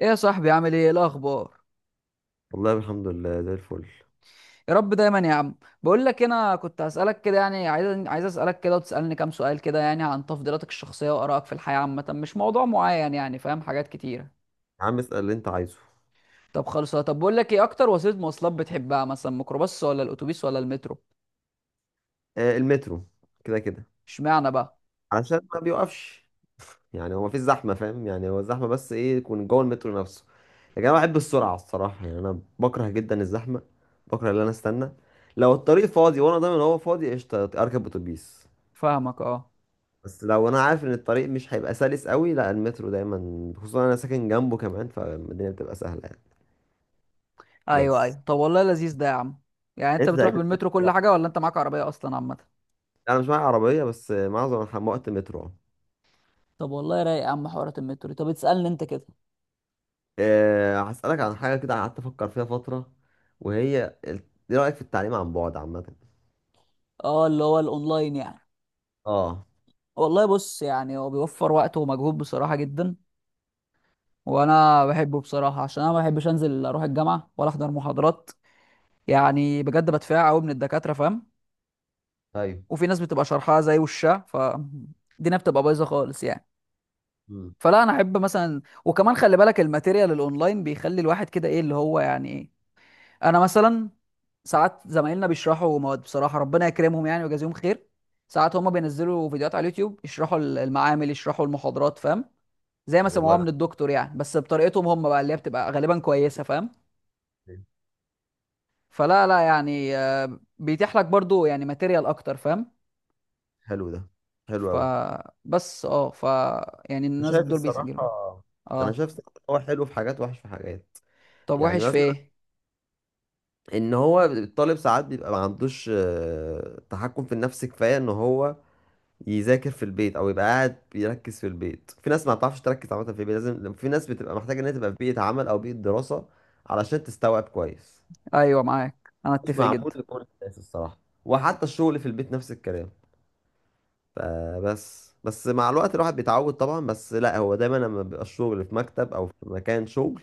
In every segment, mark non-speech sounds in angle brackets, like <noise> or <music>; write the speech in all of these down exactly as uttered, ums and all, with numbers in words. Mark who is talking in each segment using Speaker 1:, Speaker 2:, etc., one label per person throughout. Speaker 1: ايه يا صاحبي عامل ايه؟ إيه الاخبار؟
Speaker 2: والله الحمد لله زي الفل.
Speaker 1: يا رب دايما يا عم. بقول لك إيه، انا كنت هسالك كده يعني عايز عايز اسالك كده وتسالني كام سؤال كده يعني عن تفضيلاتك الشخصيه وارائك في الحياه عامه، مش موضوع معين يعني، فاهم، حاجات كتيره.
Speaker 2: يا عم اسأل اللي انت عايزه.
Speaker 1: طب خلص، طب بقول لك ايه اكتر وسيله مواصلات بتحبها؟ مثلا ميكروباص ولا الاتوبيس ولا المترو؟
Speaker 2: آه، المترو، كده كده.
Speaker 1: اشمعنى بقى؟
Speaker 2: علشان ما بيوقفش، يعني هو مفيش زحمة، فاهم؟ يعني هو الزحمة بس ايه يكون جوه المترو نفسه. لكن انا بحب السرعة الصراحة، يعني انا بكره جدا الزحمة. بكره ان انا استنى. لو الطريق فاضي وانا ضامن ان هو فاضي قشطة، اركب اتوبيس.
Speaker 1: فاهمك، اه.
Speaker 2: بس لو انا عارف ان الطريق مش هيبقى سلس قوي، لا، المترو دايما، خصوصا انا ساكن جنبه كمان، فالدنيا بتبقى سهلة يعني.
Speaker 1: ايوه
Speaker 2: بس
Speaker 1: ايوه، طب والله لذيذ ده يا عم. يعني انت
Speaker 2: انت <laughs>
Speaker 1: بتروح
Speaker 2: تقريبا.
Speaker 1: بالمترو كل حاجه ولا انت معاك عربيه اصلا عامه؟
Speaker 2: انا مش معايا عربية، بس معظم الح- وقت مترو.
Speaker 1: طب والله رايق يا عم حوارات المترو. طب تسالني انت كده.
Speaker 2: أه، هسألك عن حاجة كده قعدت أفكر فيها فترة، وهي ال- إيه رأيك في التعليم عن بعد عامة؟
Speaker 1: اه، اللي هو الاونلاين يعني؟
Speaker 2: اه.
Speaker 1: والله بص، يعني هو بيوفر وقت ومجهود بصراحة جدا. وانا بحبه بصراحة عشان انا ما بحبش انزل اروح الجامعة ولا احضر محاضرات. يعني بجد بدفع قوي من الدكاترة، فاهم.
Speaker 2: ايوه.
Speaker 1: وفي ناس بتبقى شرحها زي وشها فالدنيا بتبقى بايظة خالص يعني.
Speaker 2: مم.
Speaker 1: فلا، انا احب مثلا، وكمان خلي بالك الماتيريال الاونلاين بيخلي الواحد كده، ايه اللي هو يعني ايه. انا مثلا ساعات زمايلنا بيشرحوا مواد بصراحة، ربنا يكرمهم يعني ويجازيهم خير. ساعات هما بينزلوا فيديوهات على اليوتيوب، يشرحوا المعامل يشرحوا المحاضرات، فاهم. زي ما
Speaker 2: طب
Speaker 1: سمعوها
Speaker 2: والله
Speaker 1: من الدكتور يعني، بس بطريقتهم هم بقى اللي هي بتبقى غالبا كويسه، فاهم.
Speaker 2: جميل.
Speaker 1: فلا لا يعني آه، بيتيح لك برضو يعني ماتيريال اكتر، فاهم.
Speaker 2: حلو ده، حلو أوي.
Speaker 1: فبس اه ف يعني
Speaker 2: أنا
Speaker 1: الناس
Speaker 2: شايف
Speaker 1: دول
Speaker 2: الصراحة،
Speaker 1: بيسجلوا.
Speaker 2: أنا
Speaker 1: اه،
Speaker 2: شايف الصراحة إن هو حلو في حاجات وحش في حاجات.
Speaker 1: طب
Speaker 2: يعني
Speaker 1: وحش في
Speaker 2: مثلا،
Speaker 1: ايه؟
Speaker 2: إن هو الطالب ساعات بيبقى ما عندوش آه، تحكم في النفس كفاية إن هو يذاكر في البيت أو يبقى قاعد بيركز في البيت. في ناس ما بتعرفش تركز عامة في البيت، لازم في ناس بتبقى محتاجة إن هي تبقى في بيئة عمل أو بيئة دراسة علشان تستوعب كويس.
Speaker 1: ايوه معاك، انا
Speaker 2: مش
Speaker 1: اتفق
Speaker 2: معقول
Speaker 1: جدا.
Speaker 2: لكل الناس الصراحة. وحتى الشغل في البيت نفس الكلام. فبس بس مع الوقت الواحد بيتعود طبعا، بس لا، هو دايما لما بيبقى الشغل في مكتب او في مكان شغل.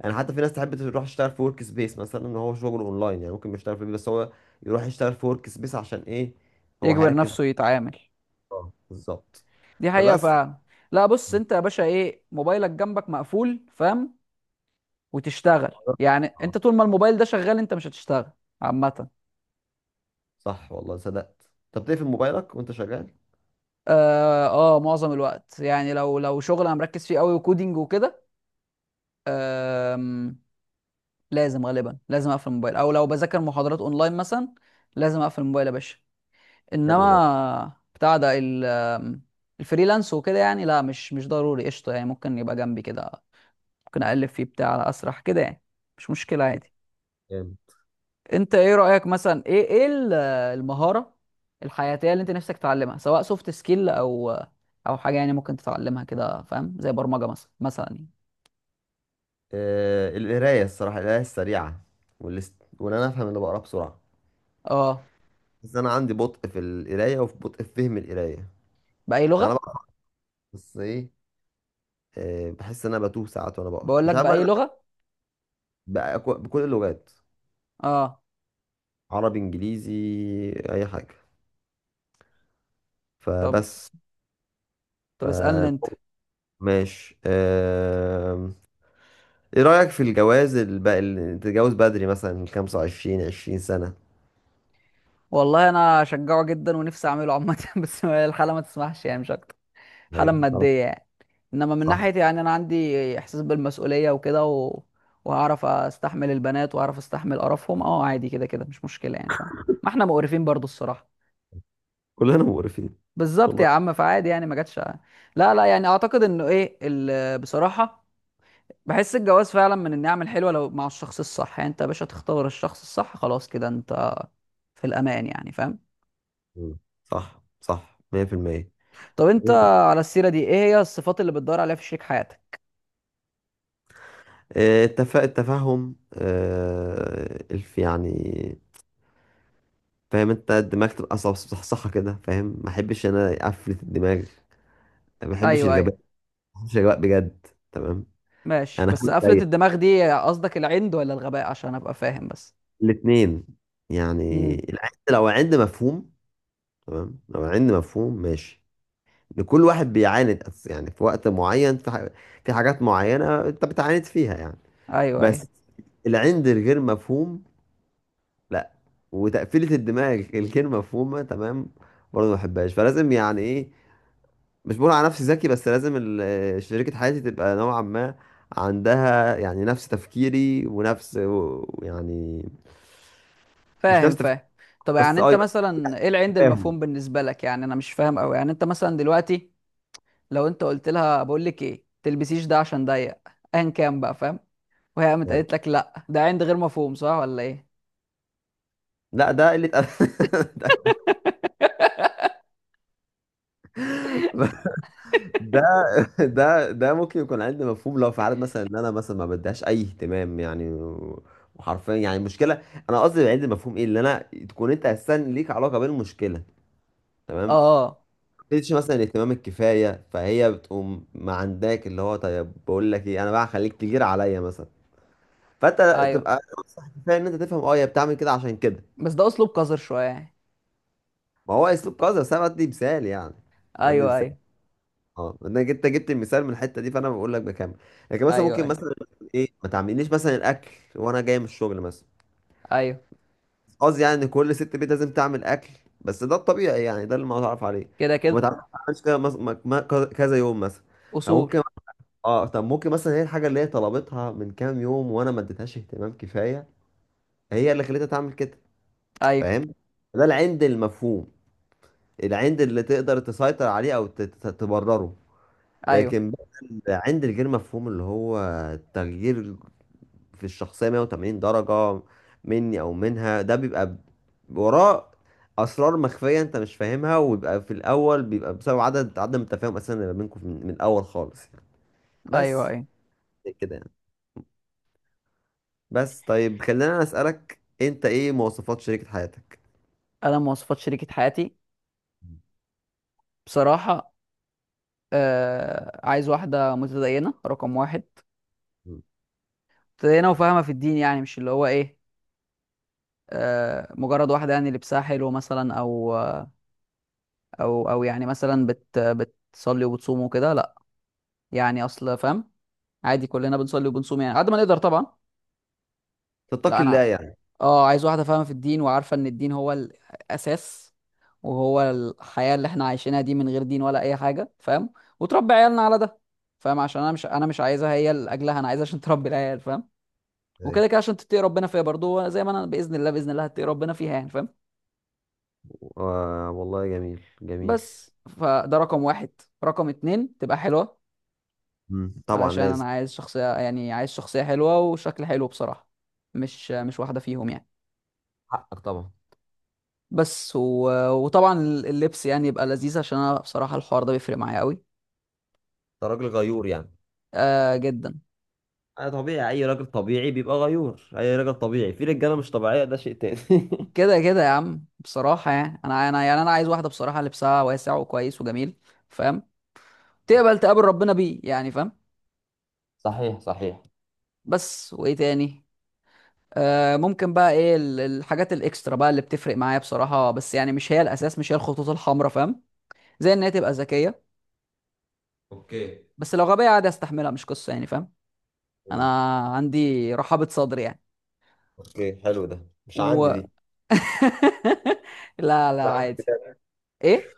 Speaker 2: يعني حتى في ناس تحب تروح تشتغل في ورك سبيس مثلا، ان هو شغل اونلاين يعني ممكن يشتغل في البيت، بس هو يروح يشتغل في ورك سبيس عشان ايه؟ هو
Speaker 1: يجبر
Speaker 2: هيركز على
Speaker 1: نفسه يتعامل.
Speaker 2: الشغل. بالظبط.
Speaker 1: دي حقيقه
Speaker 2: فبس.
Speaker 1: فعلا. لا بص، انت يا باشا ايه موبايلك جنبك مقفول، فاهم. وتشتغل، يعني انت طول ما الموبايل ده شغال انت مش هتشتغل عامه.
Speaker 2: صح والله صدقت، طب تقفل موبايلك وانت شغال.
Speaker 1: اه. آه، معظم الوقت يعني، لو لو شغل انا مركز فيه قوي وكودينج وكده. آم، لازم غالبا لازم اقفل الموبايل، او لو بذاكر محاضرات اونلاين مثلا لازم اقفل الموبايل يا باشا.
Speaker 2: حلو ده،
Speaker 1: انما بتاع ده ال- آم، الفريلانس وكده يعني لا، مش مش ضروري، قشطه يعني، ممكن يبقى جنبي كده، ممكن اقلب فيه بتاع على اسرح كده يعني. مش مشكله عادي.
Speaker 2: جامد.
Speaker 1: انت ايه رأيك مثلا، ايه ايه ال- المهارة الحياتية اللي انت نفسك تتعلمها، سواء سوفت سكيل او او حاجة يعني ممكن تتعلمها كده، فاهم، زي برمجة مثلا مثلا يعني.
Speaker 2: آه، القراية الصراحة، القراية السريعة والست، وان انا افهم اللي بقراه بسرعة.
Speaker 1: اه.
Speaker 2: بس انا عندي بطء في القرايه وفي بطء في فهم القرايه يعني.
Speaker 1: بأي
Speaker 2: انا
Speaker 1: لغة؟
Speaker 2: بقرا، بس ايه، آه، بحس ان انا بتوه ساعات وانا بقرا،
Speaker 1: بقول
Speaker 2: مش
Speaker 1: لك،
Speaker 2: عارف بقى.
Speaker 1: بأي
Speaker 2: أنا
Speaker 1: لغة؟
Speaker 2: بقى كو- بكل اللغات،
Speaker 1: اه.
Speaker 2: عربي انجليزي، اي حاجه.
Speaker 1: طب
Speaker 2: فبس.
Speaker 1: طب اسألني انت.
Speaker 2: ف ماشي، آم، ايه رايك في الجواز الب... اللي تتجوز بدري مثلا من خمس وعشرين عشرين سنه؟
Speaker 1: والله انا اشجعه جدا ونفسي اعمله عامة <laughs> بس الحالة ما تسمحش يعني، مش اكتر. حالة
Speaker 2: ايوه طبعاً.
Speaker 1: مادية يعني. انما من
Speaker 2: صح،
Speaker 1: ناحيتي يعني انا عندي احساس بالمسؤوليه وكده و... وهعرف استحمل البنات واعرف استحمل قرفهم، اه عادي، كده كده مش مشكله يعني، فاهم. ما احنا مقرفين برضو الصراحه.
Speaker 2: كلنا مقرفين
Speaker 1: بالظبط
Speaker 2: والله.
Speaker 1: يا عم، فعادي يعني، ما جاتش. لا لا يعني، اعتقد انه ايه ال... بصراحه بحس الجواز فعلا من النعم الحلوه لو مع الشخص الصح، يعني انت يا باشا تختار الشخص الصح، خلاص كده انت في الامان يعني، فاهم.
Speaker 2: مم. صح صح مية في المية.
Speaker 1: طب انت، على السيره دي، ايه هي الصفات اللي بتدور عليها في شريك حياتك؟
Speaker 2: آه، التف... التفهم، آه، الف يعني، فاهم انت، الدماغ تبقى صح- صحصحة كده، فاهم؟ ما احبش انا افلت الدماغ. ما احبش
Speaker 1: ايوه ايوه،
Speaker 2: الجبان، ما احبش الجباء بجد. تمام.
Speaker 1: ماشي،
Speaker 2: انا
Speaker 1: بس
Speaker 2: حابب
Speaker 1: قفلة
Speaker 2: زيك
Speaker 1: الدماغ دي قصدك العند ولا الغباء عشان ابقى فاهم بس؟
Speaker 2: الاثنين. يعني
Speaker 1: امم.
Speaker 2: العند لو عند مفهوم، تمام. لو عند مفهوم ماشي. ان كل واحد بيعاند أس- يعني في وقت معين في ح- في حاجات معينة انت بتعاند فيها يعني.
Speaker 1: ايوه ايوه،
Speaker 2: بس العند الغير مفهوم لا، وتقفيلة الدماغ الغير مفهومة تمام، برضه ما بحبهاش. فلازم يعني ايه، مش بقول على نفسي ذكي، بس لازم ال- آه، شريكة حياتي تبقى نوعا ما عندها يعني نفس تفكيري، ونفس و- يعني، مش
Speaker 1: فاهم
Speaker 2: نفس تفكيري،
Speaker 1: فاهم. طب يعني
Speaker 2: بس اه،
Speaker 1: انت
Speaker 2: يبقى
Speaker 1: مثلا، ايه العند
Speaker 2: تفاهم
Speaker 1: المفهوم بالنسبة لك؟ يعني انا مش فاهم قوي يعني، انت مثلا دلوقتي لو انت قلت لها بقول لك ايه، تلبسيش ده عشان ضيق، ايا كان بقى، فاهم، وهي قامت
Speaker 2: يعني.
Speaker 1: قالت لك لا، ده عند غير مفهوم، صح ولا ايه؟
Speaker 2: لا، ده قلة أد- <laughs> ده ده ده ممكن يكون عندي مفهوم لو في حالة مثلا ان انا مثلا ما بديهاش اي اهتمام يعني و- وحرفيا يعني المشكله، انا قصدي عندي مفهوم، ايه اللي انا، تكون انت اساسا ليك علاقه بالمشكله، تمام.
Speaker 1: اه.
Speaker 2: تديش مثلا الاهتمام الكفايه، فهي بتقوم ما عندك اللي هو طيب بقول لك ايه انا بقى هخليك تجير عليا مثلا. فانت
Speaker 1: ايوه،
Speaker 2: تبقى كفايه ان انت تفهم اه هي بتعمل كده عشان كده.
Speaker 1: بس ده اسلوب قذر شوية يعني.
Speaker 2: ما هو اسلوب قذر، بس انا بدي مثال يعني، بدي
Speaker 1: ايوه
Speaker 2: مثال.
Speaker 1: ايوه.
Speaker 2: اه، انك انت جبت المثال من الحته دي فانا بقول لك بكمل. لكن مثلا
Speaker 1: ايوه
Speaker 2: ممكن
Speaker 1: ايوه.
Speaker 2: مثلا ايه ما تعمليش مثلا الاكل وانا جاي من الشغل مثلا.
Speaker 1: ايوه
Speaker 2: قصدي يعني ان كل ست بيت لازم تعمل اكل، بس ده الطبيعي يعني، ده اللي ما اعرف عليه.
Speaker 1: كده
Speaker 2: وما
Speaker 1: كده.
Speaker 2: تعرفش تعملش كده، مس- ما- ما- كذا يوم مثلا.
Speaker 1: اصول.
Speaker 2: فممكن اه، طب ممكن مثلا هي الحاجه اللي هي طلبتها من كام يوم وانا ما اديتهاش اهتمام كفايه، هي اللي خلتها تعمل كده،
Speaker 1: ايوه
Speaker 2: فاهم؟ ده العند المفهوم، العند اللي تقدر تسيطر عليه او ت- ت- تبرره.
Speaker 1: ايوه.
Speaker 2: لكن بقى العند الغير مفهوم اللي هو تغيير في الشخصيه مائة وثمانين درجه مني او منها، ده بيبقى ب- وراه اسرار مخفيه انت مش فاهمها، ويبقى في الاول بيبقى بسبب عدد عدم التفاهم اساسا اللي ما بينكم من من الاول خالص يعني.
Speaker 1: ايوه
Speaker 2: بس
Speaker 1: ايوه.
Speaker 2: كده يعني. بس طيب، خلينا اسالك، انت ايه مواصفات شريكة حياتك؟
Speaker 1: انا مواصفات شريكة حياتي بصراحة، آه عايز واحدة متدينة، رقم واحد.
Speaker 2: مم.
Speaker 1: متدينة وفاهمة في الدين، يعني مش اللي هو ايه، آه مجرد واحدة يعني لبسها حلو مثلا، او او او يعني مثلا بت بتصلي وبتصوم وكده، لا، يعني اصل فاهم. عادي كلنا بنصلي وبنصوم يعني قد ما نقدر طبعا. لا
Speaker 2: تتقي الله
Speaker 1: انا،
Speaker 2: يعني.
Speaker 1: اه عايز واحدة فاهمة في الدين، وعارفة ان الدين هو الاساس، وهو الحياة اللي احنا عايشينها دي، من غير دين ولا اي حاجة، فاهم، وتربي عيالنا على ده، فاهم، عشان انا مش انا مش عايزها هي لاجلها، انا عايزها عشان تربي العيال، فاهم.
Speaker 2: ايه.
Speaker 1: وكده كده عشان تتقي ربنا فيها برضو زي ما انا باذن الله باذن الله هتقي ربنا فيها يعني، فاهم.
Speaker 2: آه والله جميل جميل.
Speaker 1: بس فده رقم واحد. رقم اتنين تبقى حلوه.
Speaker 2: مم. طبعا
Speaker 1: علشان انا
Speaker 2: لازم.
Speaker 1: عايز شخصيه، يعني عايز شخصيه حلوه وشكل حلو بصراحه، مش مش
Speaker 2: أيوة.
Speaker 1: واحده فيهم يعني.
Speaker 2: حقك طبعا، انت
Speaker 1: بس و... وطبعا اللبس يعني يبقى لذيذ، عشان انا بصراحه الحوار ده بيفرق معايا قوي.
Speaker 2: راجل غيور يعني.
Speaker 1: آه جدا.
Speaker 2: انا طبيعي، اي راجل طبيعي بيبقى غيور، اي راجل طبيعي في رجاله، مش طبيعيه ده شيء تاني. <laughs>
Speaker 1: كده كده يا عم بصراحه يعني، انا انا يعني انا عايز واحده بصراحه لبسها واسع وكويس وجميل، فاهم، تقبل تقابل ربنا بيه يعني، فاهم.
Speaker 2: صحيح صحيح.
Speaker 1: بس وايه تاني؟ آه، ممكن بقى ايه ال- الحاجات الاكسترا بقى اللي بتفرق معايا بصراحه، بس يعني مش هي الاساس، مش هي الخطوط الحمراء، فاهم. زي ان هي تبقى ذكيه،
Speaker 2: اوكي.
Speaker 1: بس لو غبيه عادي استحملها، مش قصه يعني فاهم. انا
Speaker 2: مم.
Speaker 1: عندي رحابه صدر يعني.
Speaker 2: اوكي، حلو ده. مش عندي
Speaker 1: و
Speaker 2: دي،
Speaker 1: <laughs> لا لا
Speaker 2: مش عندي
Speaker 1: عادي.
Speaker 2: بجد،
Speaker 1: ايه.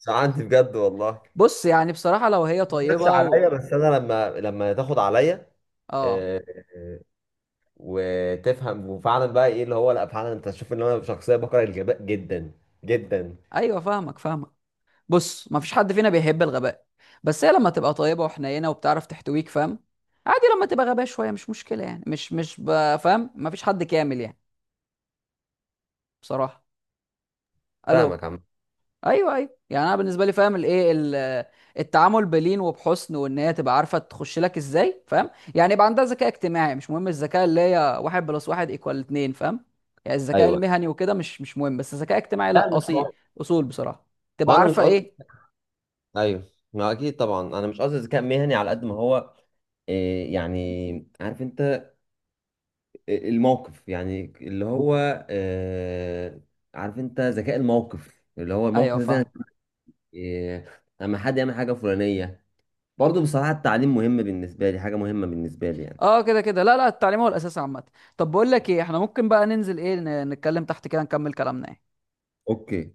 Speaker 2: مش عندي بجد والله.
Speaker 1: بص يعني بصراحه لو هي
Speaker 2: ما جاتش
Speaker 1: طيبه و...
Speaker 2: عليا، بس انا لما لما تاخد عليا
Speaker 1: اه.
Speaker 2: وتفهم وفعلا بقى ايه اللي هو لا، فعلا انت تشوف ان انا شخصيه بكره الغباء جدا جدا.
Speaker 1: ايوه فاهمك فاهمك. بص ما فيش حد فينا بيحب الغباء، بس هي لما تبقى طيبه وحنينه وبتعرف تحتويك فاهم، عادي لما تبقى غبية شوية مش مشكلة يعني، مش مش ب- فاهم، مفيش حد كامل يعني بصراحه.
Speaker 2: فاهمك
Speaker 1: الو.
Speaker 2: عم.
Speaker 1: ايوه ايوه، يعني انا بالنسبه لي، فاهم، الايه ال- التعامل بلين وبحسن، وان هي تبقى عارفه تخش لك ازاي، فاهم. يعني يبقى عندها ذكاء اجتماعي، مش مهم الذكاء اللي هي واحد بلس واحد ايكوال اتنين، فاهم. يعني الذكاء
Speaker 2: ايوه.
Speaker 1: المهني وكده مش مش مهم، بس الذكاء الاجتماعي
Speaker 2: لا
Speaker 1: لا،
Speaker 2: مش
Speaker 1: اصيل.
Speaker 2: هو.
Speaker 1: اصول بصراحه.
Speaker 2: هو
Speaker 1: تبقى
Speaker 2: انا مش
Speaker 1: عارفه
Speaker 2: قصدي.
Speaker 1: ايه.
Speaker 2: ايوه، ما اكيد طبعا انا مش قصدي ذكاء مهني على قد ما هو إيه، يعني عارف انت الموقف، يعني اللي هو آه، عارف انت ذكاء الموقف، اللي هو الموقف
Speaker 1: ايوه
Speaker 2: ده زي-
Speaker 1: فاهم.
Speaker 2: إيه، لما حد يعمل حاجه فلانيه. برضه بصراحه التعليم مهم بالنسبه لي، حاجه مهمه بالنسبه لي يعني.
Speaker 1: اه كده كده، لا لا التعليم هو الاساس عامه. طب بقول لك ايه، احنا ممكن بقى ننزل، ايه، ن- نتكلم تحت كده، نكمل كلامنا يعني.
Speaker 2: اوكي